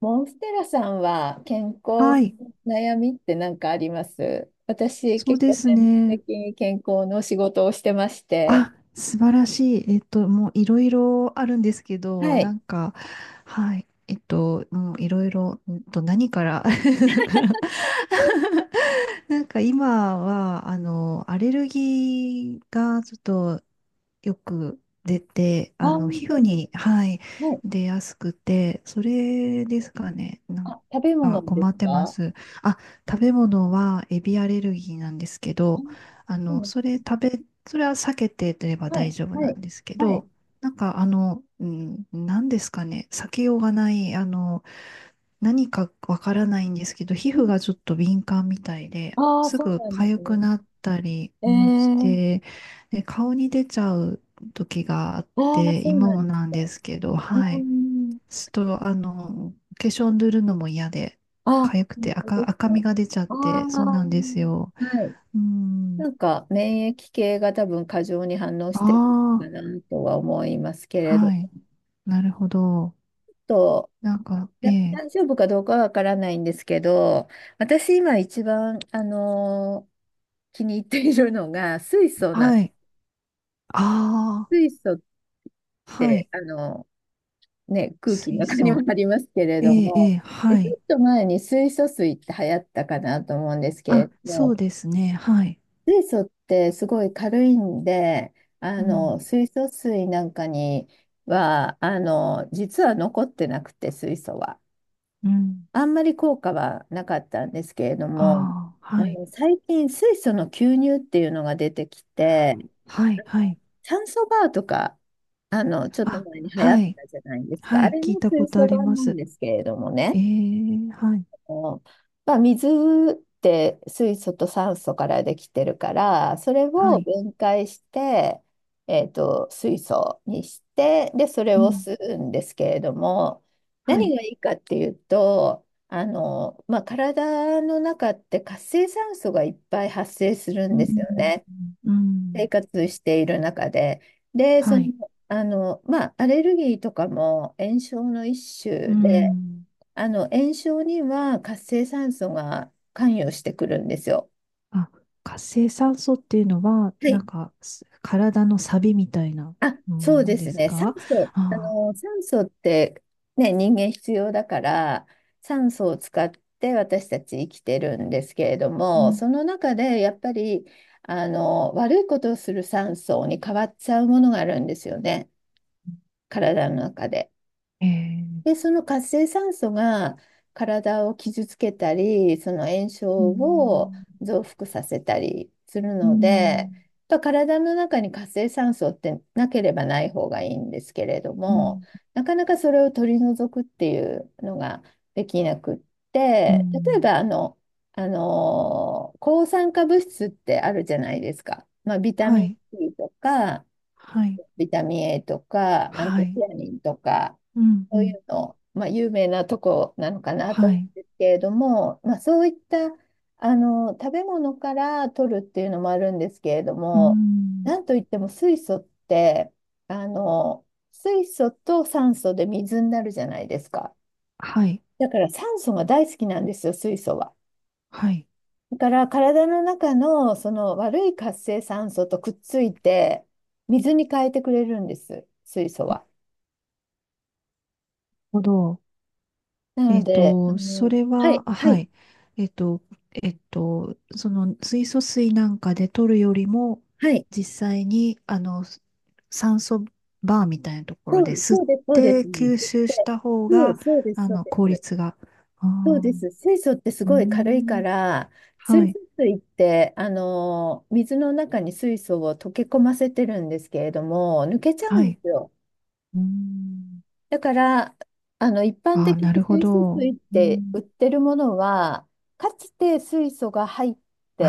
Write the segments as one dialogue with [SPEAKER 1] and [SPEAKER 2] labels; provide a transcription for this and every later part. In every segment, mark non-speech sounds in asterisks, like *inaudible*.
[SPEAKER 1] モンステラさんは健康
[SPEAKER 2] は
[SPEAKER 1] の
[SPEAKER 2] い、
[SPEAKER 1] 悩みって何かあります？私、
[SPEAKER 2] そう
[SPEAKER 1] 結
[SPEAKER 2] で
[SPEAKER 1] 構
[SPEAKER 2] す
[SPEAKER 1] 専門
[SPEAKER 2] ね。
[SPEAKER 1] 的に健康の仕事をしてまして。
[SPEAKER 2] あ、素晴らしい。もういろいろあるんですけど、
[SPEAKER 1] はい。
[SPEAKER 2] はい、もういろいろ、何から、*laughs* だから *laughs* なんか今は、アレルギーがちょっとよく出て、
[SPEAKER 1] あ
[SPEAKER 2] あ
[SPEAKER 1] ー、
[SPEAKER 2] の、皮
[SPEAKER 1] そ
[SPEAKER 2] 膚
[SPEAKER 1] うな
[SPEAKER 2] に、はい、
[SPEAKER 1] ん、はい。
[SPEAKER 2] 出やすくて、それですかね。なん
[SPEAKER 1] あ、食べ
[SPEAKER 2] か
[SPEAKER 1] 物で
[SPEAKER 2] 困
[SPEAKER 1] す
[SPEAKER 2] ってま
[SPEAKER 1] か？
[SPEAKER 2] す。あ、食べ物はエビアレルギーなんですけ
[SPEAKER 1] あ、
[SPEAKER 2] ど、
[SPEAKER 1] そ
[SPEAKER 2] あ
[SPEAKER 1] う
[SPEAKER 2] の、
[SPEAKER 1] なん、
[SPEAKER 2] それ食べ、それは避けてれば
[SPEAKER 1] は
[SPEAKER 2] 大
[SPEAKER 1] い。
[SPEAKER 2] 丈夫
[SPEAKER 1] は
[SPEAKER 2] な
[SPEAKER 1] い。
[SPEAKER 2] んですけ
[SPEAKER 1] は
[SPEAKER 2] ど、
[SPEAKER 1] い。
[SPEAKER 2] なんかあの、うん、なんですかね、避けようがない、あの、何かわからないんですけど、皮膚がちょっと敏感みたいで、
[SPEAKER 1] ああー、
[SPEAKER 2] す
[SPEAKER 1] そう
[SPEAKER 2] ぐ
[SPEAKER 1] なんです
[SPEAKER 2] 痒く
[SPEAKER 1] ね。
[SPEAKER 2] なったり
[SPEAKER 1] え
[SPEAKER 2] うんし
[SPEAKER 1] ー、
[SPEAKER 2] て、で、顔に出ちゃう時があっ
[SPEAKER 1] ああ、
[SPEAKER 2] て、
[SPEAKER 1] そう
[SPEAKER 2] 今
[SPEAKER 1] なん
[SPEAKER 2] も
[SPEAKER 1] です
[SPEAKER 2] なん
[SPEAKER 1] か？
[SPEAKER 2] です
[SPEAKER 1] う
[SPEAKER 2] けど、は
[SPEAKER 1] ー
[SPEAKER 2] い。
[SPEAKER 1] ん。
[SPEAKER 2] ちょっと、あの、化粧塗るのも嫌で、
[SPEAKER 1] あ、
[SPEAKER 2] 痒く
[SPEAKER 1] 本
[SPEAKER 2] て
[SPEAKER 1] 当です
[SPEAKER 2] 赤
[SPEAKER 1] か？
[SPEAKER 2] みが出ちゃっ
[SPEAKER 1] ああ、
[SPEAKER 2] て、そう
[SPEAKER 1] は
[SPEAKER 2] なんですよ。
[SPEAKER 1] い。
[SPEAKER 2] うん。
[SPEAKER 1] なんか免疫系が多分過剰に反応し
[SPEAKER 2] あ
[SPEAKER 1] てる
[SPEAKER 2] あ、
[SPEAKER 1] のかなとは思いますけれど、
[SPEAKER 2] はい。なるほど。
[SPEAKER 1] と、
[SPEAKER 2] なんか、え
[SPEAKER 1] だ
[SPEAKER 2] え、
[SPEAKER 1] 大丈夫かどうかはわからないんですけど、私今一番、気に入っているのが
[SPEAKER 2] はい。あ
[SPEAKER 1] 水素っ
[SPEAKER 2] あ、は
[SPEAKER 1] て、
[SPEAKER 2] い。
[SPEAKER 1] ね、空気の
[SPEAKER 2] 水
[SPEAKER 1] 中にも
[SPEAKER 2] 素。
[SPEAKER 1] ありますけれ
[SPEAKER 2] え
[SPEAKER 1] ど
[SPEAKER 2] え、え
[SPEAKER 1] も、
[SPEAKER 2] え、
[SPEAKER 1] で
[SPEAKER 2] は
[SPEAKER 1] ちょ
[SPEAKER 2] い。
[SPEAKER 1] っと前に水素水って流行ったかなと思うんですけ
[SPEAKER 2] あ、
[SPEAKER 1] れど
[SPEAKER 2] そう
[SPEAKER 1] も、
[SPEAKER 2] ですね。はい。
[SPEAKER 1] 水素ってすごい軽いんで、
[SPEAKER 2] うん。
[SPEAKER 1] 水素水なんかには実は残ってなくて水素は。
[SPEAKER 2] うん。
[SPEAKER 1] あんまり効果はなかったんですけれども、
[SPEAKER 2] ああ、はい。
[SPEAKER 1] 最近水素の吸入っていうのが出てきて、
[SPEAKER 2] はい、はい。
[SPEAKER 1] 酸素バーとかちょっと
[SPEAKER 2] あ、
[SPEAKER 1] 前に流行っ
[SPEAKER 2] はい。
[SPEAKER 1] たじゃないです
[SPEAKER 2] は
[SPEAKER 1] か。あ
[SPEAKER 2] い。
[SPEAKER 1] れ
[SPEAKER 2] 聞い
[SPEAKER 1] の
[SPEAKER 2] たこ
[SPEAKER 1] 水
[SPEAKER 2] とあ
[SPEAKER 1] 素
[SPEAKER 2] り
[SPEAKER 1] 版
[SPEAKER 2] ま
[SPEAKER 1] なん
[SPEAKER 2] す。
[SPEAKER 1] ですけれども
[SPEAKER 2] え
[SPEAKER 1] ね。
[SPEAKER 2] え、はい。
[SPEAKER 1] のまあ、水って水素と酸素からできてるから、それ
[SPEAKER 2] は
[SPEAKER 1] を
[SPEAKER 2] い。
[SPEAKER 1] 分解して、水素にして、で、それ
[SPEAKER 2] う
[SPEAKER 1] を
[SPEAKER 2] ん。
[SPEAKER 1] 吸うんですけれども、
[SPEAKER 2] は
[SPEAKER 1] 何
[SPEAKER 2] い。
[SPEAKER 1] がいいかっていうと、まあ、体の中って活性酸素がいっぱい発生する
[SPEAKER 2] う
[SPEAKER 1] んですよ
[SPEAKER 2] ん。
[SPEAKER 1] ね。
[SPEAKER 2] う
[SPEAKER 1] 生
[SPEAKER 2] ん。
[SPEAKER 1] 活している中で。で、
[SPEAKER 2] はい。
[SPEAKER 1] まあ、アレルギーとかも炎症の一
[SPEAKER 2] う
[SPEAKER 1] 種で、
[SPEAKER 2] ん。
[SPEAKER 1] 炎症には活性酸素が関与してくるんですよ。
[SPEAKER 2] あ、活性酸素っていうのは、
[SPEAKER 1] は
[SPEAKER 2] な
[SPEAKER 1] い。
[SPEAKER 2] んか、す体のサビみたいな
[SPEAKER 1] あ、
[SPEAKER 2] も
[SPEAKER 1] そうで
[SPEAKER 2] ので
[SPEAKER 1] す
[SPEAKER 2] す
[SPEAKER 1] ね。
[SPEAKER 2] か？ああ
[SPEAKER 1] 酸素ってね、人間必要だから、酸素を使って私たち生きてるんですけれど
[SPEAKER 2] ー。う
[SPEAKER 1] も、
[SPEAKER 2] ん。
[SPEAKER 1] その中でやっぱり、悪いことをする酸素に変わっちゃうものがあるんですよね。体の中で。
[SPEAKER 2] え
[SPEAKER 1] で、
[SPEAKER 2] え。
[SPEAKER 1] その活性酸素が体を傷つけたり、その炎
[SPEAKER 2] う
[SPEAKER 1] 症を
[SPEAKER 2] ん。
[SPEAKER 1] 増幅させたりする
[SPEAKER 2] う
[SPEAKER 1] ので、
[SPEAKER 2] ん。
[SPEAKER 1] やっぱ体の中に活性酸素ってなければない方がいいんですけれど
[SPEAKER 2] う
[SPEAKER 1] も、
[SPEAKER 2] ん。
[SPEAKER 1] なかなかそれを取り除くっていうのができなくっ
[SPEAKER 2] う
[SPEAKER 1] て、例え
[SPEAKER 2] ん。
[SPEAKER 1] ば抗酸化物質ってあるじゃないですか。まあ、ビタ
[SPEAKER 2] は
[SPEAKER 1] ミン
[SPEAKER 2] い。
[SPEAKER 1] C とか、
[SPEAKER 2] はい。
[SPEAKER 1] ビタミン A とか、アン
[SPEAKER 2] は
[SPEAKER 1] ト
[SPEAKER 2] い。
[SPEAKER 1] シアニンとか。
[SPEAKER 2] うん、う
[SPEAKER 1] そうい
[SPEAKER 2] ん。
[SPEAKER 1] うの、まあ、有名なとこなのかなと
[SPEAKER 2] は
[SPEAKER 1] 思うん
[SPEAKER 2] い。
[SPEAKER 1] ですけれども、まあ、そういった食べ物から取るっていうのもあるんですけれど
[SPEAKER 2] う
[SPEAKER 1] も、
[SPEAKER 2] ん。
[SPEAKER 1] なんといっても水素ってあの水素と酸素で水になるじゃないですか。
[SPEAKER 2] はい。
[SPEAKER 1] だから酸素が大好きなんですよ、水素は。
[SPEAKER 2] はい。なる
[SPEAKER 1] だから体の中のその悪い活性酸素とくっついて水に変えてくれるんです、水素は。
[SPEAKER 2] ほど。
[SPEAKER 1] なので、
[SPEAKER 2] それ
[SPEAKER 1] は
[SPEAKER 2] は、
[SPEAKER 1] い、
[SPEAKER 2] あ
[SPEAKER 1] は
[SPEAKER 2] は
[SPEAKER 1] い、
[SPEAKER 2] い。えっと、その水素水なんかで取るよりも、
[SPEAKER 1] はい。
[SPEAKER 2] 実際に、あの、酸素バーみたいなとこ
[SPEAKER 1] そ
[SPEAKER 2] ろで
[SPEAKER 1] う、
[SPEAKER 2] 吸っ
[SPEAKER 1] そうです、そうで
[SPEAKER 2] て
[SPEAKER 1] すね。で
[SPEAKER 2] 吸収した方
[SPEAKER 1] そう、
[SPEAKER 2] が、
[SPEAKER 1] そうです、
[SPEAKER 2] あ
[SPEAKER 1] そう
[SPEAKER 2] の、
[SPEAKER 1] で
[SPEAKER 2] 効
[SPEAKER 1] す。
[SPEAKER 2] 率が。あ
[SPEAKER 1] そう
[SPEAKER 2] あ、
[SPEAKER 1] です。水素ってす
[SPEAKER 2] うー
[SPEAKER 1] ごい軽いか
[SPEAKER 2] ん。
[SPEAKER 1] ら、
[SPEAKER 2] は
[SPEAKER 1] 水素
[SPEAKER 2] い。
[SPEAKER 1] 水って、水の中に水素を溶け込ませてるんですけれども、抜けちゃう
[SPEAKER 2] は
[SPEAKER 1] んで
[SPEAKER 2] い。
[SPEAKER 1] すよ。
[SPEAKER 2] うーん。
[SPEAKER 1] だから、一般
[SPEAKER 2] ああ、
[SPEAKER 1] 的に
[SPEAKER 2] なるほ
[SPEAKER 1] 水素
[SPEAKER 2] ど。
[SPEAKER 1] 水っ
[SPEAKER 2] う
[SPEAKER 1] て売っ
[SPEAKER 2] ん。
[SPEAKER 1] てるものは、かつて水素がて、
[SPEAKER 2] あ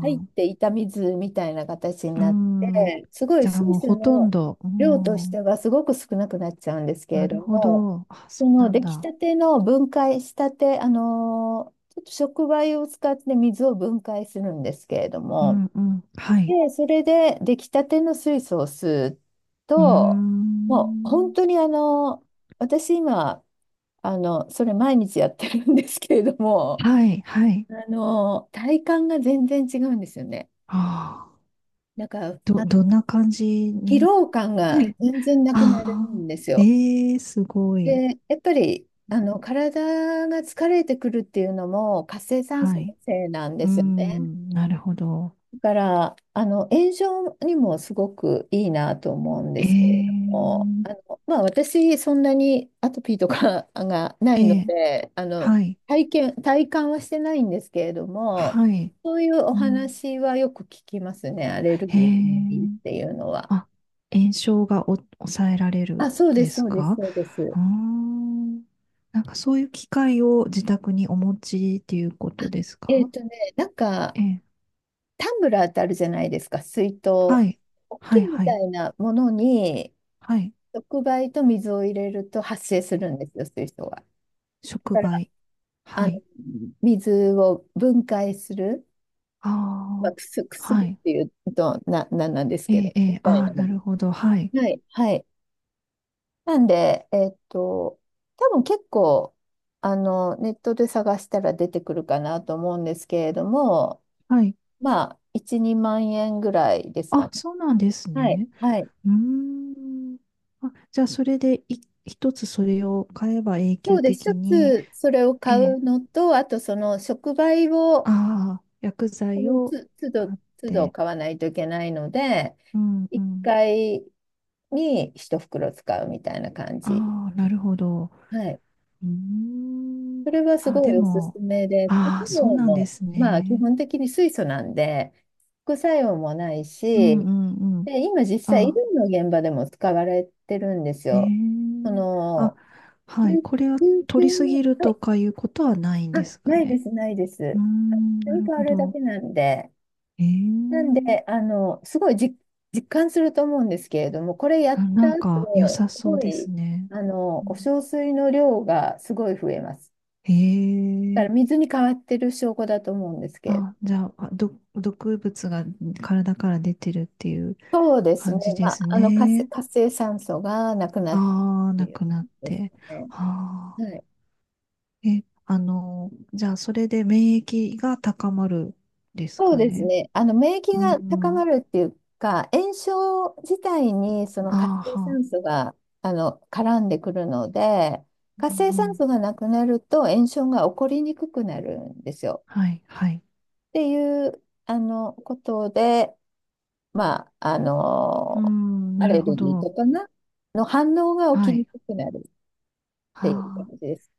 [SPEAKER 1] 入っ
[SPEAKER 2] あ。
[SPEAKER 1] ていた水みたいな形に
[SPEAKER 2] うー
[SPEAKER 1] なっ
[SPEAKER 2] ん。
[SPEAKER 1] て、すごい
[SPEAKER 2] じゃあ
[SPEAKER 1] 水
[SPEAKER 2] もう
[SPEAKER 1] 素
[SPEAKER 2] ほとん
[SPEAKER 1] の
[SPEAKER 2] ど。うー
[SPEAKER 1] 量とし
[SPEAKER 2] ん。
[SPEAKER 1] てはすごく少なくなっちゃうんですけ
[SPEAKER 2] な
[SPEAKER 1] れど
[SPEAKER 2] るほ
[SPEAKER 1] も、
[SPEAKER 2] ど。あ、そ
[SPEAKER 1] そ
[SPEAKER 2] う
[SPEAKER 1] の
[SPEAKER 2] なん
[SPEAKER 1] 出来
[SPEAKER 2] だ。
[SPEAKER 1] たての分解したて、ちょっと触媒を使って水を分解するんですけれど
[SPEAKER 2] う
[SPEAKER 1] も、
[SPEAKER 2] んうん。はい。
[SPEAKER 1] で、それで出来たての水素を吸う
[SPEAKER 2] うー
[SPEAKER 1] と、もう本
[SPEAKER 2] ん。
[SPEAKER 1] 当に私今、それ毎日やってるんですけれども、
[SPEAKER 2] はい、はい。
[SPEAKER 1] 体感が全然違うんですよね。
[SPEAKER 2] ああ。
[SPEAKER 1] なんか、
[SPEAKER 2] ど、
[SPEAKER 1] あ、
[SPEAKER 2] どんな感じ
[SPEAKER 1] 疲
[SPEAKER 2] に？
[SPEAKER 1] 労感
[SPEAKER 2] は
[SPEAKER 1] が
[SPEAKER 2] い。
[SPEAKER 1] 全然なくな
[SPEAKER 2] あ
[SPEAKER 1] る
[SPEAKER 2] あ。
[SPEAKER 1] んですよ。
[SPEAKER 2] ええ、すごい。
[SPEAKER 1] で、やっぱり、体が疲れてくるっていうのも活性酸
[SPEAKER 2] は
[SPEAKER 1] 素の
[SPEAKER 2] い。
[SPEAKER 1] せいなんで
[SPEAKER 2] うー
[SPEAKER 1] すよね。
[SPEAKER 2] ん。なるほど。
[SPEAKER 1] だから、炎症にもすごくいいなと思うんで
[SPEAKER 2] ええ、
[SPEAKER 1] すけれども、まあ、私、そんなにアトピーとか *laughs* がな
[SPEAKER 2] え
[SPEAKER 1] いの
[SPEAKER 2] え、
[SPEAKER 1] で、
[SPEAKER 2] はい。
[SPEAKER 1] 体験、体感はしてないんですけれども、
[SPEAKER 2] はい。
[SPEAKER 1] そういうお
[SPEAKER 2] うん。
[SPEAKER 1] 話はよく聞きますね、アレル
[SPEAKER 2] え
[SPEAKER 1] ギーのいいっ
[SPEAKER 2] え、
[SPEAKER 1] ていうのは。
[SPEAKER 2] あ、炎症がお抑えられる
[SPEAKER 1] あ、そう
[SPEAKER 2] ん
[SPEAKER 1] で
[SPEAKER 2] で
[SPEAKER 1] す、
[SPEAKER 2] す
[SPEAKER 1] そうです、
[SPEAKER 2] か？
[SPEAKER 1] そうです。
[SPEAKER 2] あー、なんかそういう機械を自宅にお持ちっていうことです
[SPEAKER 1] え
[SPEAKER 2] か？
[SPEAKER 1] っとね、なんか、
[SPEAKER 2] ええ。
[SPEAKER 1] タンブラーってあるじゃないですか、水筒。
[SPEAKER 2] はい。
[SPEAKER 1] 大き
[SPEAKER 2] はい、
[SPEAKER 1] いみ
[SPEAKER 2] は
[SPEAKER 1] た
[SPEAKER 2] い。
[SPEAKER 1] いなものに、
[SPEAKER 2] はい。
[SPEAKER 1] 触媒と水を入れると発生するんですよ、そういう人は。だ
[SPEAKER 2] 触
[SPEAKER 1] から、
[SPEAKER 2] 媒。
[SPEAKER 1] あ
[SPEAKER 2] は
[SPEAKER 1] の、
[SPEAKER 2] い。
[SPEAKER 1] 水を分解する、まあ、
[SPEAKER 2] ああ。
[SPEAKER 1] くす
[SPEAKER 2] は
[SPEAKER 1] 薬っ
[SPEAKER 2] い。
[SPEAKER 1] ていうと、なんなんです
[SPEAKER 2] え
[SPEAKER 1] け
[SPEAKER 2] え、
[SPEAKER 1] ど、
[SPEAKER 2] え
[SPEAKER 1] み
[SPEAKER 2] え。
[SPEAKER 1] たい
[SPEAKER 2] ああ、
[SPEAKER 1] なも
[SPEAKER 2] なる
[SPEAKER 1] の。
[SPEAKER 2] ほど。はい。
[SPEAKER 1] はい、はい。なんで、多分結構、ネットで探したら出てくるかなと思うんですけれども、
[SPEAKER 2] はい。
[SPEAKER 1] まあ、1、2万円ぐらいですか
[SPEAKER 2] あ、
[SPEAKER 1] ね。
[SPEAKER 2] そうなんです
[SPEAKER 1] はい、
[SPEAKER 2] ね。
[SPEAKER 1] はい。
[SPEAKER 2] うーん。あ、じゃあ、それでい一つそれを買えば永
[SPEAKER 1] そ
[SPEAKER 2] 久
[SPEAKER 1] うで、一
[SPEAKER 2] 的に、
[SPEAKER 1] つそれを
[SPEAKER 2] え
[SPEAKER 1] 買
[SPEAKER 2] え、
[SPEAKER 1] うのと、あとその触媒を、
[SPEAKER 2] ああ、薬
[SPEAKER 1] そ
[SPEAKER 2] 剤
[SPEAKER 1] の
[SPEAKER 2] を
[SPEAKER 1] つ、都度、
[SPEAKER 2] 買っ
[SPEAKER 1] 都度
[SPEAKER 2] て。
[SPEAKER 1] 買わないといけないので、
[SPEAKER 2] うんう
[SPEAKER 1] 1
[SPEAKER 2] ん。
[SPEAKER 1] 回に1袋使うみたいな感じ。
[SPEAKER 2] ああ、なるほど。
[SPEAKER 1] はい。
[SPEAKER 2] うーん。
[SPEAKER 1] それはす
[SPEAKER 2] あ、
[SPEAKER 1] ご
[SPEAKER 2] で
[SPEAKER 1] いおすす
[SPEAKER 2] も、
[SPEAKER 1] めで、副
[SPEAKER 2] ああ、
[SPEAKER 1] 作
[SPEAKER 2] そう
[SPEAKER 1] 用
[SPEAKER 2] なんで
[SPEAKER 1] も、
[SPEAKER 2] す
[SPEAKER 1] まあ基
[SPEAKER 2] ね。
[SPEAKER 1] 本的に水素なんで、副作用もない
[SPEAKER 2] うん
[SPEAKER 1] し、
[SPEAKER 2] うんうん。
[SPEAKER 1] で、今実際医療
[SPEAKER 2] あ、
[SPEAKER 1] の現場でも使われてるんです
[SPEAKER 2] へ
[SPEAKER 1] よ。
[SPEAKER 2] え。
[SPEAKER 1] そ
[SPEAKER 2] あ、
[SPEAKER 1] の、救
[SPEAKER 2] はい。これは
[SPEAKER 1] 救急
[SPEAKER 2] 取りす
[SPEAKER 1] の、
[SPEAKER 2] ぎる
[SPEAKER 1] は
[SPEAKER 2] と
[SPEAKER 1] い、
[SPEAKER 2] かいうことはないん
[SPEAKER 1] あ、
[SPEAKER 2] ですか
[SPEAKER 1] ないで
[SPEAKER 2] ね。
[SPEAKER 1] す、ないです。
[SPEAKER 2] うーん、
[SPEAKER 1] 組
[SPEAKER 2] な
[SPEAKER 1] み
[SPEAKER 2] る
[SPEAKER 1] 変わ
[SPEAKER 2] ほ
[SPEAKER 1] るだ
[SPEAKER 2] ど。
[SPEAKER 1] けなんで、
[SPEAKER 2] え
[SPEAKER 1] なん
[SPEAKER 2] え。
[SPEAKER 1] で、すごい実感すると思うんですけれども、これや
[SPEAKER 2] あ、
[SPEAKER 1] っ
[SPEAKER 2] な
[SPEAKER 1] た
[SPEAKER 2] ん
[SPEAKER 1] 後、
[SPEAKER 2] か良さ
[SPEAKER 1] す
[SPEAKER 2] そう
[SPEAKER 1] ご
[SPEAKER 2] です
[SPEAKER 1] い、
[SPEAKER 2] ね。う
[SPEAKER 1] お
[SPEAKER 2] ん、
[SPEAKER 1] 小水の量がすごい増えます。
[SPEAKER 2] へ
[SPEAKER 1] だ
[SPEAKER 2] え。
[SPEAKER 1] から水に変わってる証拠だと思うんですけど。
[SPEAKER 2] あ、じゃあ、あど、毒物が体から出てるっていう
[SPEAKER 1] そうですね。
[SPEAKER 2] 感じで
[SPEAKER 1] ま
[SPEAKER 2] す
[SPEAKER 1] あ、活性、
[SPEAKER 2] ね。
[SPEAKER 1] 活性酸素がなくなって
[SPEAKER 2] ああ、
[SPEAKER 1] って
[SPEAKER 2] な
[SPEAKER 1] いう
[SPEAKER 2] く
[SPEAKER 1] こ
[SPEAKER 2] なっ
[SPEAKER 1] とです
[SPEAKER 2] て。
[SPEAKER 1] ね。
[SPEAKER 2] あ
[SPEAKER 1] はい、
[SPEAKER 2] あ、え、あの、じゃあ、それで免疫が高まるです
[SPEAKER 1] そう
[SPEAKER 2] か
[SPEAKER 1] です
[SPEAKER 2] ね。
[SPEAKER 1] ね。免疫
[SPEAKER 2] う
[SPEAKER 1] が高ま
[SPEAKER 2] ん。
[SPEAKER 1] るっていうか、炎症自体にその
[SPEAKER 2] あ
[SPEAKER 1] 活性
[SPEAKER 2] あ、は
[SPEAKER 1] 酸
[SPEAKER 2] あ。
[SPEAKER 1] 素が、絡んでくるので、
[SPEAKER 2] うん
[SPEAKER 1] 活性
[SPEAKER 2] う
[SPEAKER 1] 酸素
[SPEAKER 2] ん、
[SPEAKER 1] がなくなると炎症が起こりにくくなるんですよ。
[SPEAKER 2] はい、はい。
[SPEAKER 1] っていう、ことで、まあ、
[SPEAKER 2] うん、
[SPEAKER 1] ア
[SPEAKER 2] なる
[SPEAKER 1] レ
[SPEAKER 2] ほ
[SPEAKER 1] ルギー
[SPEAKER 2] ど。
[SPEAKER 1] とかの反応が起
[SPEAKER 2] は
[SPEAKER 1] きに
[SPEAKER 2] い。
[SPEAKER 1] くくなるっていう感
[SPEAKER 2] あ
[SPEAKER 1] じ
[SPEAKER 2] あ、
[SPEAKER 1] です。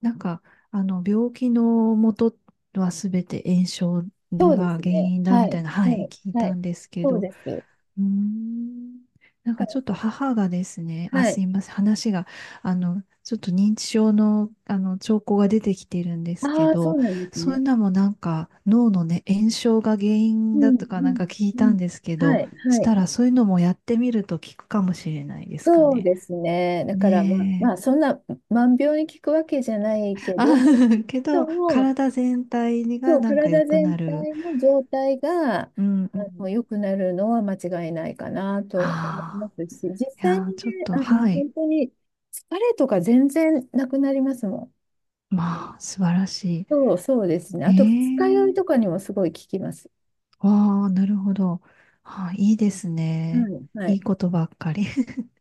[SPEAKER 2] なんか、あの、病気の元はすべて炎症
[SPEAKER 1] そうで
[SPEAKER 2] が
[SPEAKER 1] す
[SPEAKER 2] 原
[SPEAKER 1] ね。
[SPEAKER 2] 因だ
[SPEAKER 1] は
[SPEAKER 2] みた
[SPEAKER 1] い。
[SPEAKER 2] いな、は
[SPEAKER 1] は
[SPEAKER 2] い、
[SPEAKER 1] い。
[SPEAKER 2] 聞い
[SPEAKER 1] は
[SPEAKER 2] た
[SPEAKER 1] い。
[SPEAKER 2] んですけ
[SPEAKER 1] そう
[SPEAKER 2] ど、
[SPEAKER 1] です。だ
[SPEAKER 2] うーん、
[SPEAKER 1] か
[SPEAKER 2] なん
[SPEAKER 1] ら、
[SPEAKER 2] かちょっと母がですね、あ、
[SPEAKER 1] は
[SPEAKER 2] す
[SPEAKER 1] い。
[SPEAKER 2] いません、話が、あの、ちょっと認知症の、あの、兆候が出てきてるんですけ
[SPEAKER 1] ああ、そ
[SPEAKER 2] ど、
[SPEAKER 1] うなんです
[SPEAKER 2] そういう
[SPEAKER 1] ね。
[SPEAKER 2] のもなんか脳のね、炎症が原
[SPEAKER 1] う
[SPEAKER 2] 因だ
[SPEAKER 1] ん、
[SPEAKER 2] とか
[SPEAKER 1] う
[SPEAKER 2] なんか
[SPEAKER 1] ん、
[SPEAKER 2] 聞い
[SPEAKER 1] う
[SPEAKER 2] たん
[SPEAKER 1] ん。
[SPEAKER 2] ですけ
[SPEAKER 1] は
[SPEAKER 2] ど、
[SPEAKER 1] い、
[SPEAKER 2] し
[SPEAKER 1] は
[SPEAKER 2] た
[SPEAKER 1] い。
[SPEAKER 2] らそういうのもやってみると効くかもしれないですか
[SPEAKER 1] そう
[SPEAKER 2] ね。
[SPEAKER 1] ですね。だから、ま、ま
[SPEAKER 2] ね
[SPEAKER 1] あ、そんな万病に効くわけじゃない
[SPEAKER 2] え。
[SPEAKER 1] け
[SPEAKER 2] あ、
[SPEAKER 1] ど、
[SPEAKER 2] *laughs* け
[SPEAKER 1] そ
[SPEAKER 2] ど、
[SPEAKER 1] も
[SPEAKER 2] 体全体
[SPEAKER 1] そ
[SPEAKER 2] が
[SPEAKER 1] う、
[SPEAKER 2] なんか良
[SPEAKER 1] 体
[SPEAKER 2] く
[SPEAKER 1] 全
[SPEAKER 2] なる。
[SPEAKER 1] 体の状態が、
[SPEAKER 2] うんうん。
[SPEAKER 1] 良くなるのは間違いないかなと思いま
[SPEAKER 2] ああ、
[SPEAKER 1] すし、実
[SPEAKER 2] い
[SPEAKER 1] 際に
[SPEAKER 2] やー、ちょっ
[SPEAKER 1] ね、
[SPEAKER 2] と、はい。
[SPEAKER 1] 本当に疲れとか全然なくなりますもん。
[SPEAKER 2] まあ、素晴らしい。
[SPEAKER 1] そう、そうですね。あと、二日酔い
[SPEAKER 2] へえ。
[SPEAKER 1] とかにもすごい効きます。
[SPEAKER 2] ああ、なるほど。あー、いいです
[SPEAKER 1] は
[SPEAKER 2] ね。
[SPEAKER 1] い、は
[SPEAKER 2] い
[SPEAKER 1] い。
[SPEAKER 2] いことばっかり。*laughs*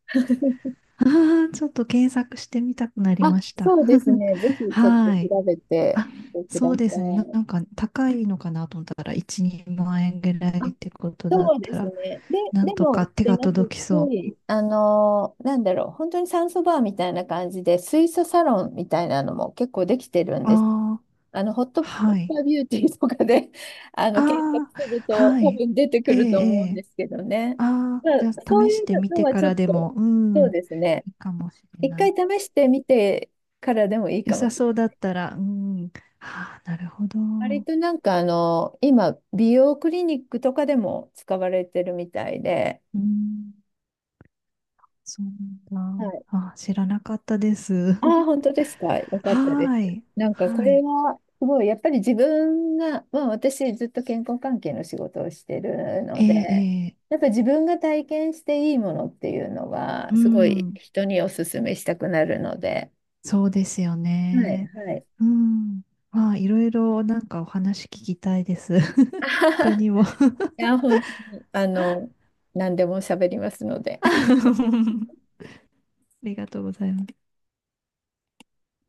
[SPEAKER 2] ああ、ちょっと検索してみたくなり
[SPEAKER 1] あ、
[SPEAKER 2] ました。
[SPEAKER 1] そうです
[SPEAKER 2] *laughs*
[SPEAKER 1] ね。ぜひちょっと
[SPEAKER 2] はい。
[SPEAKER 1] 調べて
[SPEAKER 2] あ、
[SPEAKER 1] くだ
[SPEAKER 2] そうで
[SPEAKER 1] さ
[SPEAKER 2] すね。なん
[SPEAKER 1] い。
[SPEAKER 2] か高いのかなと思ったら、1、2万円ぐらい
[SPEAKER 1] あ、
[SPEAKER 2] ってことだっ
[SPEAKER 1] そうで
[SPEAKER 2] た
[SPEAKER 1] す
[SPEAKER 2] ら、
[SPEAKER 1] ね。で、
[SPEAKER 2] なん
[SPEAKER 1] で
[SPEAKER 2] と
[SPEAKER 1] も、
[SPEAKER 2] か
[SPEAKER 1] し
[SPEAKER 2] 手
[SPEAKER 1] て
[SPEAKER 2] が
[SPEAKER 1] ます
[SPEAKER 2] 届きそ
[SPEAKER 1] し、なんだろう、本当に酸素バーみたいな感じで、水素サロンみたいなのも結構できてるん
[SPEAKER 2] う。
[SPEAKER 1] です。
[SPEAKER 2] ああ、
[SPEAKER 1] ホットペ
[SPEAKER 2] は
[SPEAKER 1] ッパ
[SPEAKER 2] い。
[SPEAKER 1] ービューティーとかで *laughs* 検索
[SPEAKER 2] ああ、
[SPEAKER 1] すると
[SPEAKER 2] は
[SPEAKER 1] 多
[SPEAKER 2] い。
[SPEAKER 1] 分出てく
[SPEAKER 2] ええ、
[SPEAKER 1] ると思
[SPEAKER 2] え
[SPEAKER 1] うん
[SPEAKER 2] え。
[SPEAKER 1] ですけどね。
[SPEAKER 2] ああ、
[SPEAKER 1] ま
[SPEAKER 2] じ
[SPEAKER 1] あ、
[SPEAKER 2] ゃあ
[SPEAKER 1] そう
[SPEAKER 2] 試し
[SPEAKER 1] いう
[SPEAKER 2] てみ
[SPEAKER 1] の
[SPEAKER 2] て
[SPEAKER 1] は
[SPEAKER 2] か
[SPEAKER 1] ちょっ
[SPEAKER 2] らで
[SPEAKER 1] と、
[SPEAKER 2] も、う
[SPEAKER 1] そ
[SPEAKER 2] ん、
[SPEAKER 1] う
[SPEAKER 2] い
[SPEAKER 1] ですね。
[SPEAKER 2] いかもしれ
[SPEAKER 1] 一
[SPEAKER 2] な
[SPEAKER 1] 回
[SPEAKER 2] い。
[SPEAKER 1] 試してみてからでもいい
[SPEAKER 2] 良
[SPEAKER 1] かも
[SPEAKER 2] さ
[SPEAKER 1] しれ
[SPEAKER 2] そ
[SPEAKER 1] な
[SPEAKER 2] う
[SPEAKER 1] い。
[SPEAKER 2] だったら、うん。はあ、なるほど。
[SPEAKER 1] 割
[SPEAKER 2] う
[SPEAKER 1] となんか今、美容クリニックとかでも使われてるみたいで、
[SPEAKER 2] ん。そうな
[SPEAKER 1] は
[SPEAKER 2] んだ。
[SPEAKER 1] い。
[SPEAKER 2] あ、知らなかったです。
[SPEAKER 1] ああ、
[SPEAKER 2] *laughs*
[SPEAKER 1] 本当ですか？よか
[SPEAKER 2] は
[SPEAKER 1] ったで
[SPEAKER 2] ー
[SPEAKER 1] す。
[SPEAKER 2] い。
[SPEAKER 1] なんかこ
[SPEAKER 2] は
[SPEAKER 1] れ
[SPEAKER 2] い。
[SPEAKER 1] は、すごい、やっぱり自分が、まあ私ずっと健康関係の仕事をしてる
[SPEAKER 2] え
[SPEAKER 1] ので、
[SPEAKER 2] え、ええ、
[SPEAKER 1] やっぱ自分が体験していいものっていうの
[SPEAKER 2] う
[SPEAKER 1] は、すごい
[SPEAKER 2] ん。
[SPEAKER 1] 人にお勧めしたくなるので、
[SPEAKER 2] そうですよ
[SPEAKER 1] はい、
[SPEAKER 2] ね。
[SPEAKER 1] はい。
[SPEAKER 2] うん。まあ、いろいろなんかお話聞きたいです。*laughs* 他
[SPEAKER 1] *laughs*
[SPEAKER 2] にも。*laughs* あ
[SPEAKER 1] いや、本当に、何でも喋りますので。
[SPEAKER 2] りがとうございます。